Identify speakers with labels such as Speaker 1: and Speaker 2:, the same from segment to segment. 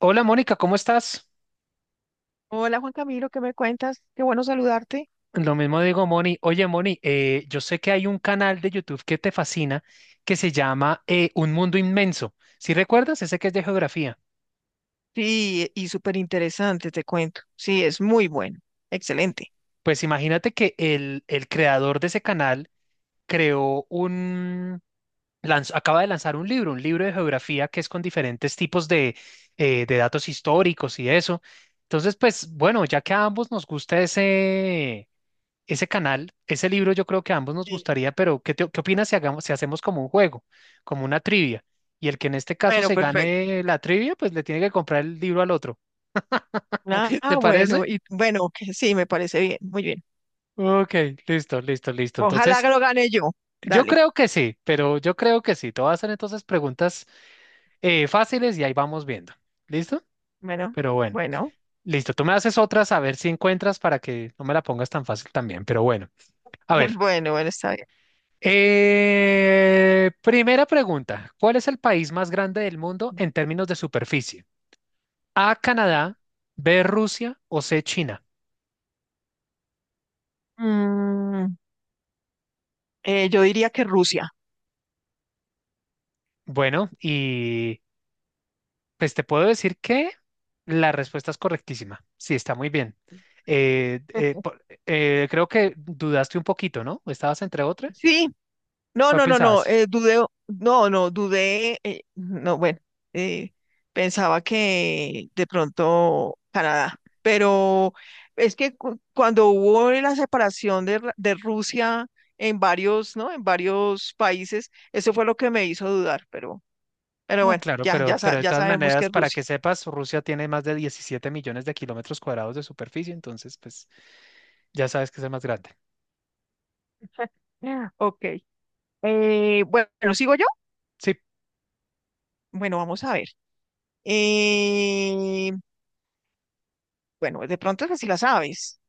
Speaker 1: Hola Mónica, ¿cómo estás?
Speaker 2: Hola Juan Camilo, ¿qué me cuentas? Qué bueno saludarte.
Speaker 1: Lo mismo digo, Moni. Oye Moni, yo sé que hay un canal de YouTube que te fascina que se llama Un Mundo Inmenso. ¿Si recuerdas? Ese que es de geografía.
Speaker 2: Sí, y súper interesante, te cuento. Sí, es muy bueno. Excelente.
Speaker 1: Pues imagínate que el creador de ese canal creó un... acaba de lanzar un libro de geografía que es con diferentes tipos de datos históricos y eso. Entonces, pues bueno, ya que a ambos nos gusta ese canal, ese libro, yo creo que a ambos nos
Speaker 2: Sí.
Speaker 1: gustaría, pero ¿qué opinas si hacemos como un juego, como una trivia? Y el que en este caso
Speaker 2: Bueno,
Speaker 1: se
Speaker 2: perfecto.
Speaker 1: gane la trivia, pues le tiene que comprar el libro al otro.
Speaker 2: Ah,
Speaker 1: ¿Te
Speaker 2: ah,
Speaker 1: parece?
Speaker 2: bueno, y bueno, que sí, me parece bien, muy bien.
Speaker 1: Ok, listo, listo, listo.
Speaker 2: Ojalá que
Speaker 1: Entonces,
Speaker 2: lo gane yo.
Speaker 1: yo
Speaker 2: Dale.
Speaker 1: creo que sí, pero yo creo que sí. Te voy a hacer entonces preguntas fáciles y ahí vamos viendo. ¿Listo?
Speaker 2: Bueno,
Speaker 1: Pero bueno,
Speaker 2: bueno,
Speaker 1: listo. Tú me haces otras a ver si encuentras para que no me la pongas tan fácil también. Pero bueno, a ver,
Speaker 2: bueno, bueno, está bien.
Speaker 1: Primera pregunta, ¿cuál es el país más grande del mundo en términos de superficie? A, Canadá; B, Rusia; o C, China.
Speaker 2: Mm, yo diría que Rusia.
Speaker 1: Bueno, y pues te puedo decir que la respuesta es correctísima. Sí, está muy bien. Eh, eh, po- creo que dudaste un poquito, ¿no? ¿Estabas entre otra?
Speaker 2: Sí, no,
Speaker 1: ¿Cuál
Speaker 2: no, no,
Speaker 1: pensabas?
Speaker 2: no, dudé, no, no, dudé, no, bueno, eh, pensaba que de pronto Canadá, pero es que cuando hubo la separación de, de Rusia en varios, ¿no? En varios países, eso fue lo que me hizo dudar, pero
Speaker 1: No,
Speaker 2: bueno,
Speaker 1: claro,
Speaker 2: ya, ya,
Speaker 1: pero de
Speaker 2: ya
Speaker 1: todas
Speaker 2: sabemos que
Speaker 1: maneras,
Speaker 2: es
Speaker 1: para
Speaker 2: Rusia.
Speaker 1: que sepas, Rusia tiene más de 17 millones de kilómetros cuadrados de superficie, entonces, pues ya sabes que es el más grande.
Speaker 2: Ah, ok, bueno, ¿sigo yo?
Speaker 1: Sí.
Speaker 2: Bueno, vamos a ver. Eh, bueno, de pronto es si la sabes.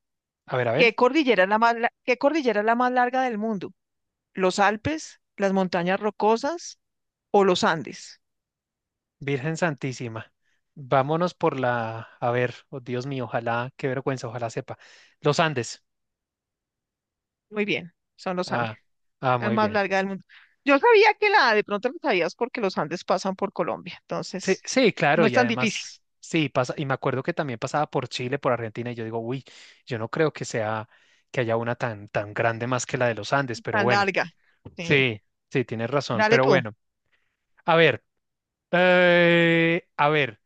Speaker 1: A ver, a
Speaker 2: ¿Qué
Speaker 1: ver.
Speaker 2: cordillera es la más, la- qué cordillera es la más larga del mundo? ¿Los Alpes, las montañas rocosas o los Andes?
Speaker 1: Virgen Santísima, vámonos por la, a ver, oh Dios mío, ojalá, qué vergüenza, ojalá sepa. Los Andes.
Speaker 2: Muy bien, son los Andes,
Speaker 1: Ah, ah,
Speaker 2: la
Speaker 1: muy
Speaker 2: más
Speaker 1: bien.
Speaker 2: larga del mundo. Yo sabía que la de pronto lo sabías porque los Andes pasan por Colombia,
Speaker 1: Sí,
Speaker 2: entonces
Speaker 1: sí,
Speaker 2: no
Speaker 1: claro,
Speaker 2: es
Speaker 1: y
Speaker 2: tan difícil,
Speaker 1: además, sí, pasa, y me acuerdo que también pasaba por Chile, por Argentina, y yo digo, uy, yo no creo que sea, que haya una tan, tan grande más que la de los Andes, pero
Speaker 2: tan
Speaker 1: bueno,
Speaker 2: larga. Sí.
Speaker 1: sí, sí, tienes razón,
Speaker 2: Dale
Speaker 1: pero
Speaker 2: tú,
Speaker 1: bueno, a ver, a ver,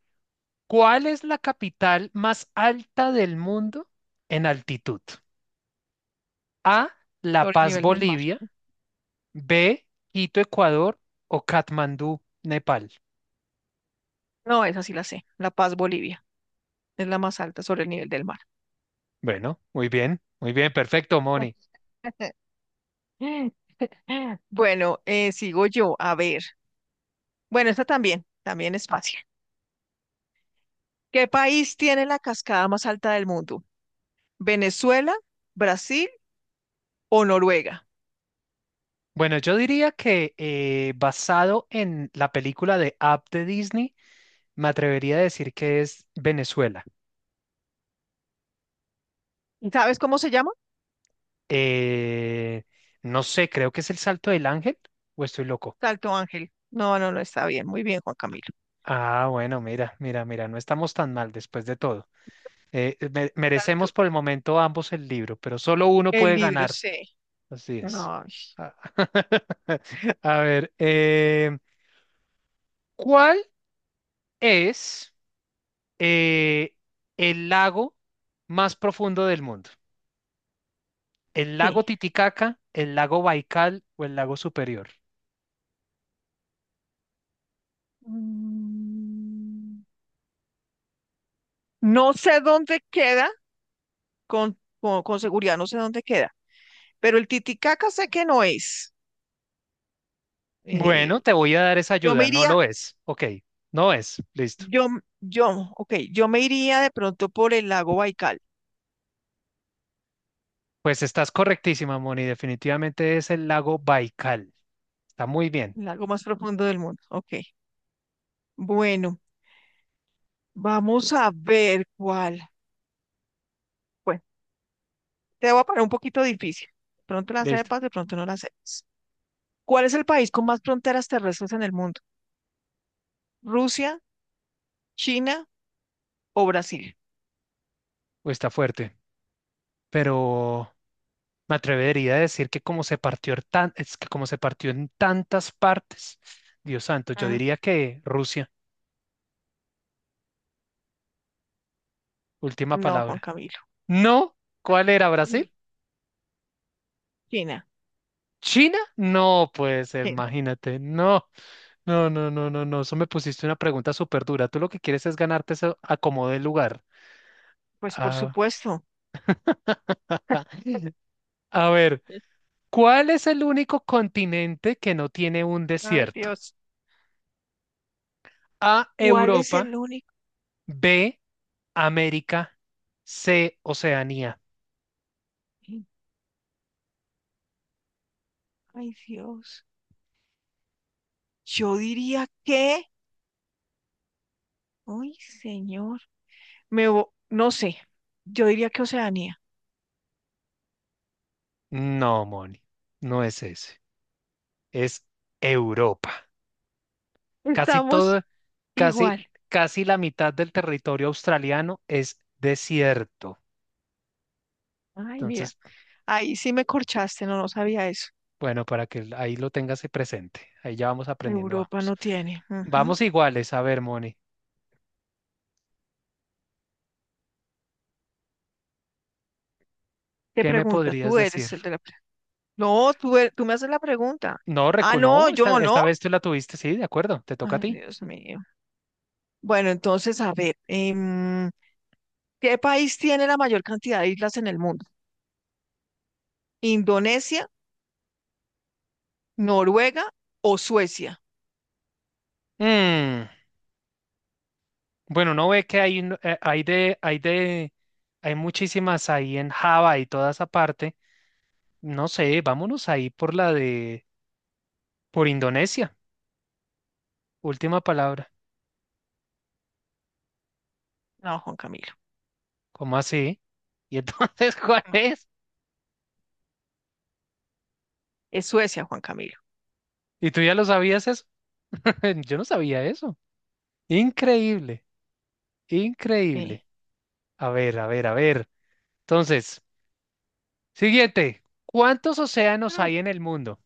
Speaker 1: ¿cuál es la capital más alta del mundo en altitud? A, La
Speaker 2: sobre el
Speaker 1: Paz,
Speaker 2: nivel del mar.
Speaker 1: Bolivia; B, Quito, Ecuador; o Katmandú, Nepal.
Speaker 2: No, esa sí la sé, La Paz, Bolivia, es la más alta sobre el nivel del mar.
Speaker 1: Bueno, muy bien, perfecto, Moni.
Speaker 2: Bueno, sigo yo, a ver. Bueno, esta también es fácil. ¿Qué país tiene la cascada más alta del mundo? ¿Venezuela, Brasil o Noruega?
Speaker 1: Bueno, yo diría que, basado en la película de Up de Disney, me atrevería a decir que es Venezuela.
Speaker 2: ¿Sabes cómo se llama?
Speaker 1: Eh, no sé, creo que es el Salto del Ángel o estoy loco.
Speaker 2: Salto Ángel. No, no, no está bien. Muy bien, Juan Camilo.
Speaker 1: Ah, bueno, mira, mira, mira, no estamos tan mal después de todo. Merecemos
Speaker 2: Salto.
Speaker 1: por el momento ambos el libro, pero solo uno
Speaker 2: El
Speaker 1: puede
Speaker 2: libro,
Speaker 1: ganar.
Speaker 2: sí.
Speaker 1: Así es.
Speaker 2: Ay,
Speaker 1: Ah, a ver, ¿cuál es eh, el lago más profundo del mundo? ¿El
Speaker 2: sí.
Speaker 1: lago Titicaca, el lago Baikal o el lago Superior?
Speaker 2: Mm, no sé dónde queda, con seguridad no sé dónde queda, pero el Titicaca sé que no es.
Speaker 1: Bueno,
Speaker 2: Eh,
Speaker 1: te voy a dar esa
Speaker 2: yo me
Speaker 1: ayuda, no
Speaker 2: iría,
Speaker 1: lo es. Ok, no es, listo.
Speaker 2: yo, yo, ok, yo me iría de pronto por el lago Baikal,
Speaker 1: Pues estás correctísima, Moni, definitivamente es el lago Baikal. Está muy bien,
Speaker 2: el lago más profundo del mundo. Ok, bueno. Vamos a ver cuál. Bueno, te voy a poner un poquito difícil. De pronto la
Speaker 1: listo.
Speaker 2: sepas, de pronto no la sepas. ¿Cuál es el país con más fronteras terrestres en el mundo? ¿Rusia, China o Brasil?
Speaker 1: Uy, está fuerte, pero me atrevería a decir que como se partió en tan- es que como se partió en tantas partes, Dios santo, yo
Speaker 2: Ujú.
Speaker 1: diría que Rusia, última
Speaker 2: No, Juan
Speaker 1: palabra.
Speaker 2: Camilo.
Speaker 1: No, ¿cuál era?
Speaker 2: No.
Speaker 1: ¿Brasil?
Speaker 2: China,
Speaker 1: ¿China? No. Pues
Speaker 2: China.
Speaker 1: imagínate. No, no, no, no, no, no. Eso me pusiste una pregunta súper dura. Tú lo que quieres es ganarte ese acomodo de lugar.
Speaker 2: Pues por
Speaker 1: Ah,
Speaker 2: supuesto.
Speaker 1: a ver,
Speaker 2: Sí.
Speaker 1: ¿cuál es el único continente que no tiene un
Speaker 2: Ay,
Speaker 1: desierto?
Speaker 2: Dios.
Speaker 1: A,
Speaker 2: ¿Cuál es
Speaker 1: Europa;
Speaker 2: el único?
Speaker 1: B, América; C, Oceanía.
Speaker 2: Sí. Ay, Dios. Yo diría que. Ay, señor. No sé. Yo diría que Oceanía.
Speaker 1: No, Moni, no es ese, es Europa. Casi
Speaker 2: Estamos
Speaker 1: todo, casi,
Speaker 2: igual.
Speaker 1: casi la mitad del territorio australiano es desierto.
Speaker 2: Ay, mira.
Speaker 1: Entonces,
Speaker 2: Ahí sí me corchaste, no, no sabía eso.
Speaker 1: bueno, para que ahí lo tengas presente, ahí ya vamos aprendiendo,
Speaker 2: Europa
Speaker 1: vamos.
Speaker 2: no tiene. Ujú.
Speaker 1: Vamos iguales, a ver, Moni,
Speaker 2: ¿Qué
Speaker 1: ¿qué me
Speaker 2: pregunta?
Speaker 1: podrías
Speaker 2: Tú
Speaker 1: decir?
Speaker 2: eres el de la. No, tú me haces la pregunta.
Speaker 1: No,
Speaker 2: Ah,
Speaker 1: recu no,
Speaker 2: no,
Speaker 1: esta,
Speaker 2: yo no.
Speaker 1: esta vez tú la tuviste, sí, de acuerdo, te toca a
Speaker 2: Ay,
Speaker 1: ti.
Speaker 2: Dios mío. Bueno, entonces, a ver, em, ¿qué país tiene la mayor cantidad de islas en el mundo? ¿Indonesia, Noruega o Suecia?
Speaker 1: Mm, bueno, uno ve que hay, hay hay muchísimas ahí en Java y toda esa parte. No sé, vámonos ahí por Indonesia. Última palabra.
Speaker 2: No, Juan Camilo.
Speaker 1: ¿Cómo así? ¿Y entonces cuál
Speaker 2: No.
Speaker 1: es?
Speaker 2: Es Suecia, Juan Camilo.
Speaker 1: ¿Y tú ya lo sabías eso? Yo no sabía eso. Increíble,
Speaker 2: Sí.
Speaker 1: increíble. A ver, a ver, a ver. Entonces, siguiente. ¿Cuántos océanos
Speaker 2: Mm,
Speaker 1: hay en el mundo?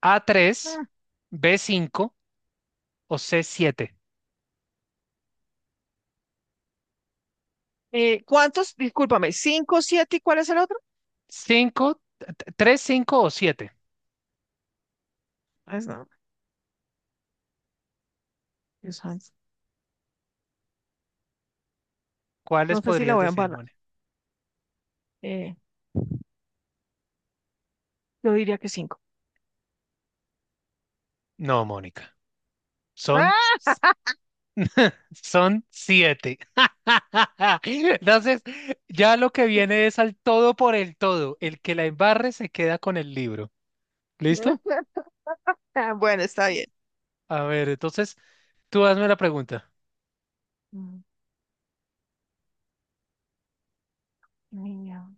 Speaker 1: A, tres;
Speaker 2: mm.
Speaker 1: B, cinco; o C, siete.
Speaker 2: ¿Cuántos? Discúlpame, ¿cinco, siete y cuál es el otro?
Speaker 1: Cinco, t- tres, cinco o siete.
Speaker 2: Pues no, Dios santo.
Speaker 1: ¿Cuáles
Speaker 2: No sé si la
Speaker 1: podrías
Speaker 2: voy a
Speaker 1: decir,
Speaker 2: embarrar.
Speaker 1: Mónica?
Speaker 2: Eh, Yo diría que cinco.
Speaker 1: No, Mónica. Son, son siete. Entonces, ya lo que viene es al todo por el todo. El que la embarre se queda con el libro. ¿Listo?
Speaker 2: Ah, bueno, está bien.
Speaker 1: A ver, entonces, tú hazme la pregunta.
Speaker 2: Mm, niña.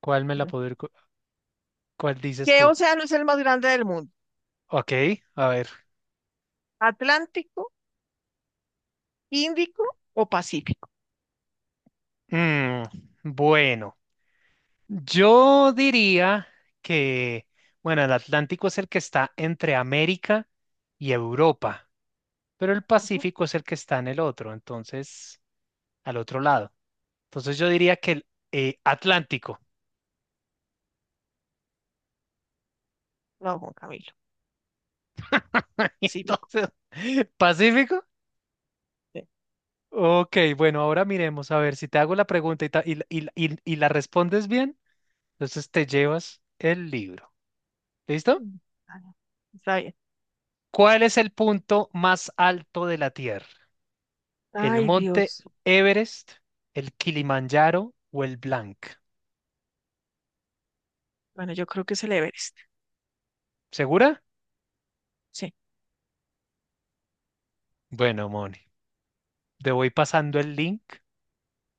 Speaker 1: ¿Cuál me la poder, cu- cuál dices
Speaker 2: ¿Qué
Speaker 1: tú?
Speaker 2: océano es el más grande del mundo?
Speaker 1: Ok, a ver.
Speaker 2: ¿Atlántico, Índico o Pacífico?
Speaker 1: Mm, bueno. Yo diría que, bueno, el Atlántico es el que está entre América y Europa, pero el
Speaker 2: Ajá.
Speaker 1: Pacífico es el que está en el otro, entonces, al otro lado. Entonces yo diría que el Atlántico.
Speaker 2: No, Juan Camilo.
Speaker 1: Y
Speaker 2: Pacífico.
Speaker 1: entonces, ¿Pacífico?
Speaker 2: Sí,
Speaker 1: Ok, bueno, ahora miremos a ver si te hago la pregunta y, ta- y la y la- y la- y la respondes bien, entonces te llevas el libro. ¿Listo?
Speaker 2: mm, vale. Está bien.
Speaker 1: ¿Cuál es el punto más alto de la Tierra? ¿El
Speaker 2: Ay,
Speaker 1: monte
Speaker 2: Dios.
Speaker 1: Everest, el Kilimanjaro o el Blanc?
Speaker 2: Bueno, yo creo que es el Everest.
Speaker 1: ¿Segura?
Speaker 2: Sí.
Speaker 1: Bueno, Moni, te voy pasando el link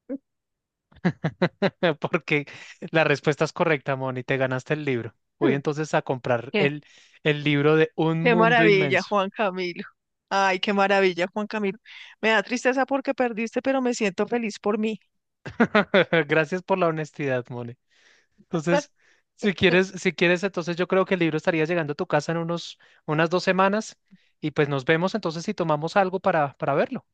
Speaker 1: porque la respuesta es correcta, Moni. Te ganaste el libro. Voy
Speaker 2: Mm,
Speaker 1: entonces a comprar
Speaker 2: ¿qué?
Speaker 1: el libro de Un
Speaker 2: Qué
Speaker 1: Mundo
Speaker 2: maravilla,
Speaker 1: Inmenso.
Speaker 2: Juan Camilo. Ay, qué maravilla, Juan Camilo. Me da tristeza porque perdiste, pero me siento feliz por mí.
Speaker 1: Gracias por la honestidad, Moni. Entonces, si quieres, entonces yo creo que el libro estaría llegando a tu casa en unas 2 semanas y pues nos vemos entonces si tomamos algo para verlo.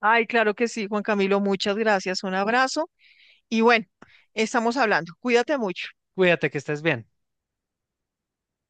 Speaker 2: Ay, claro que sí, Juan Camilo. Muchas gracias. Un abrazo. Y bueno, estamos hablando. Cuídate mucho.
Speaker 1: Cuídate, que estés bien.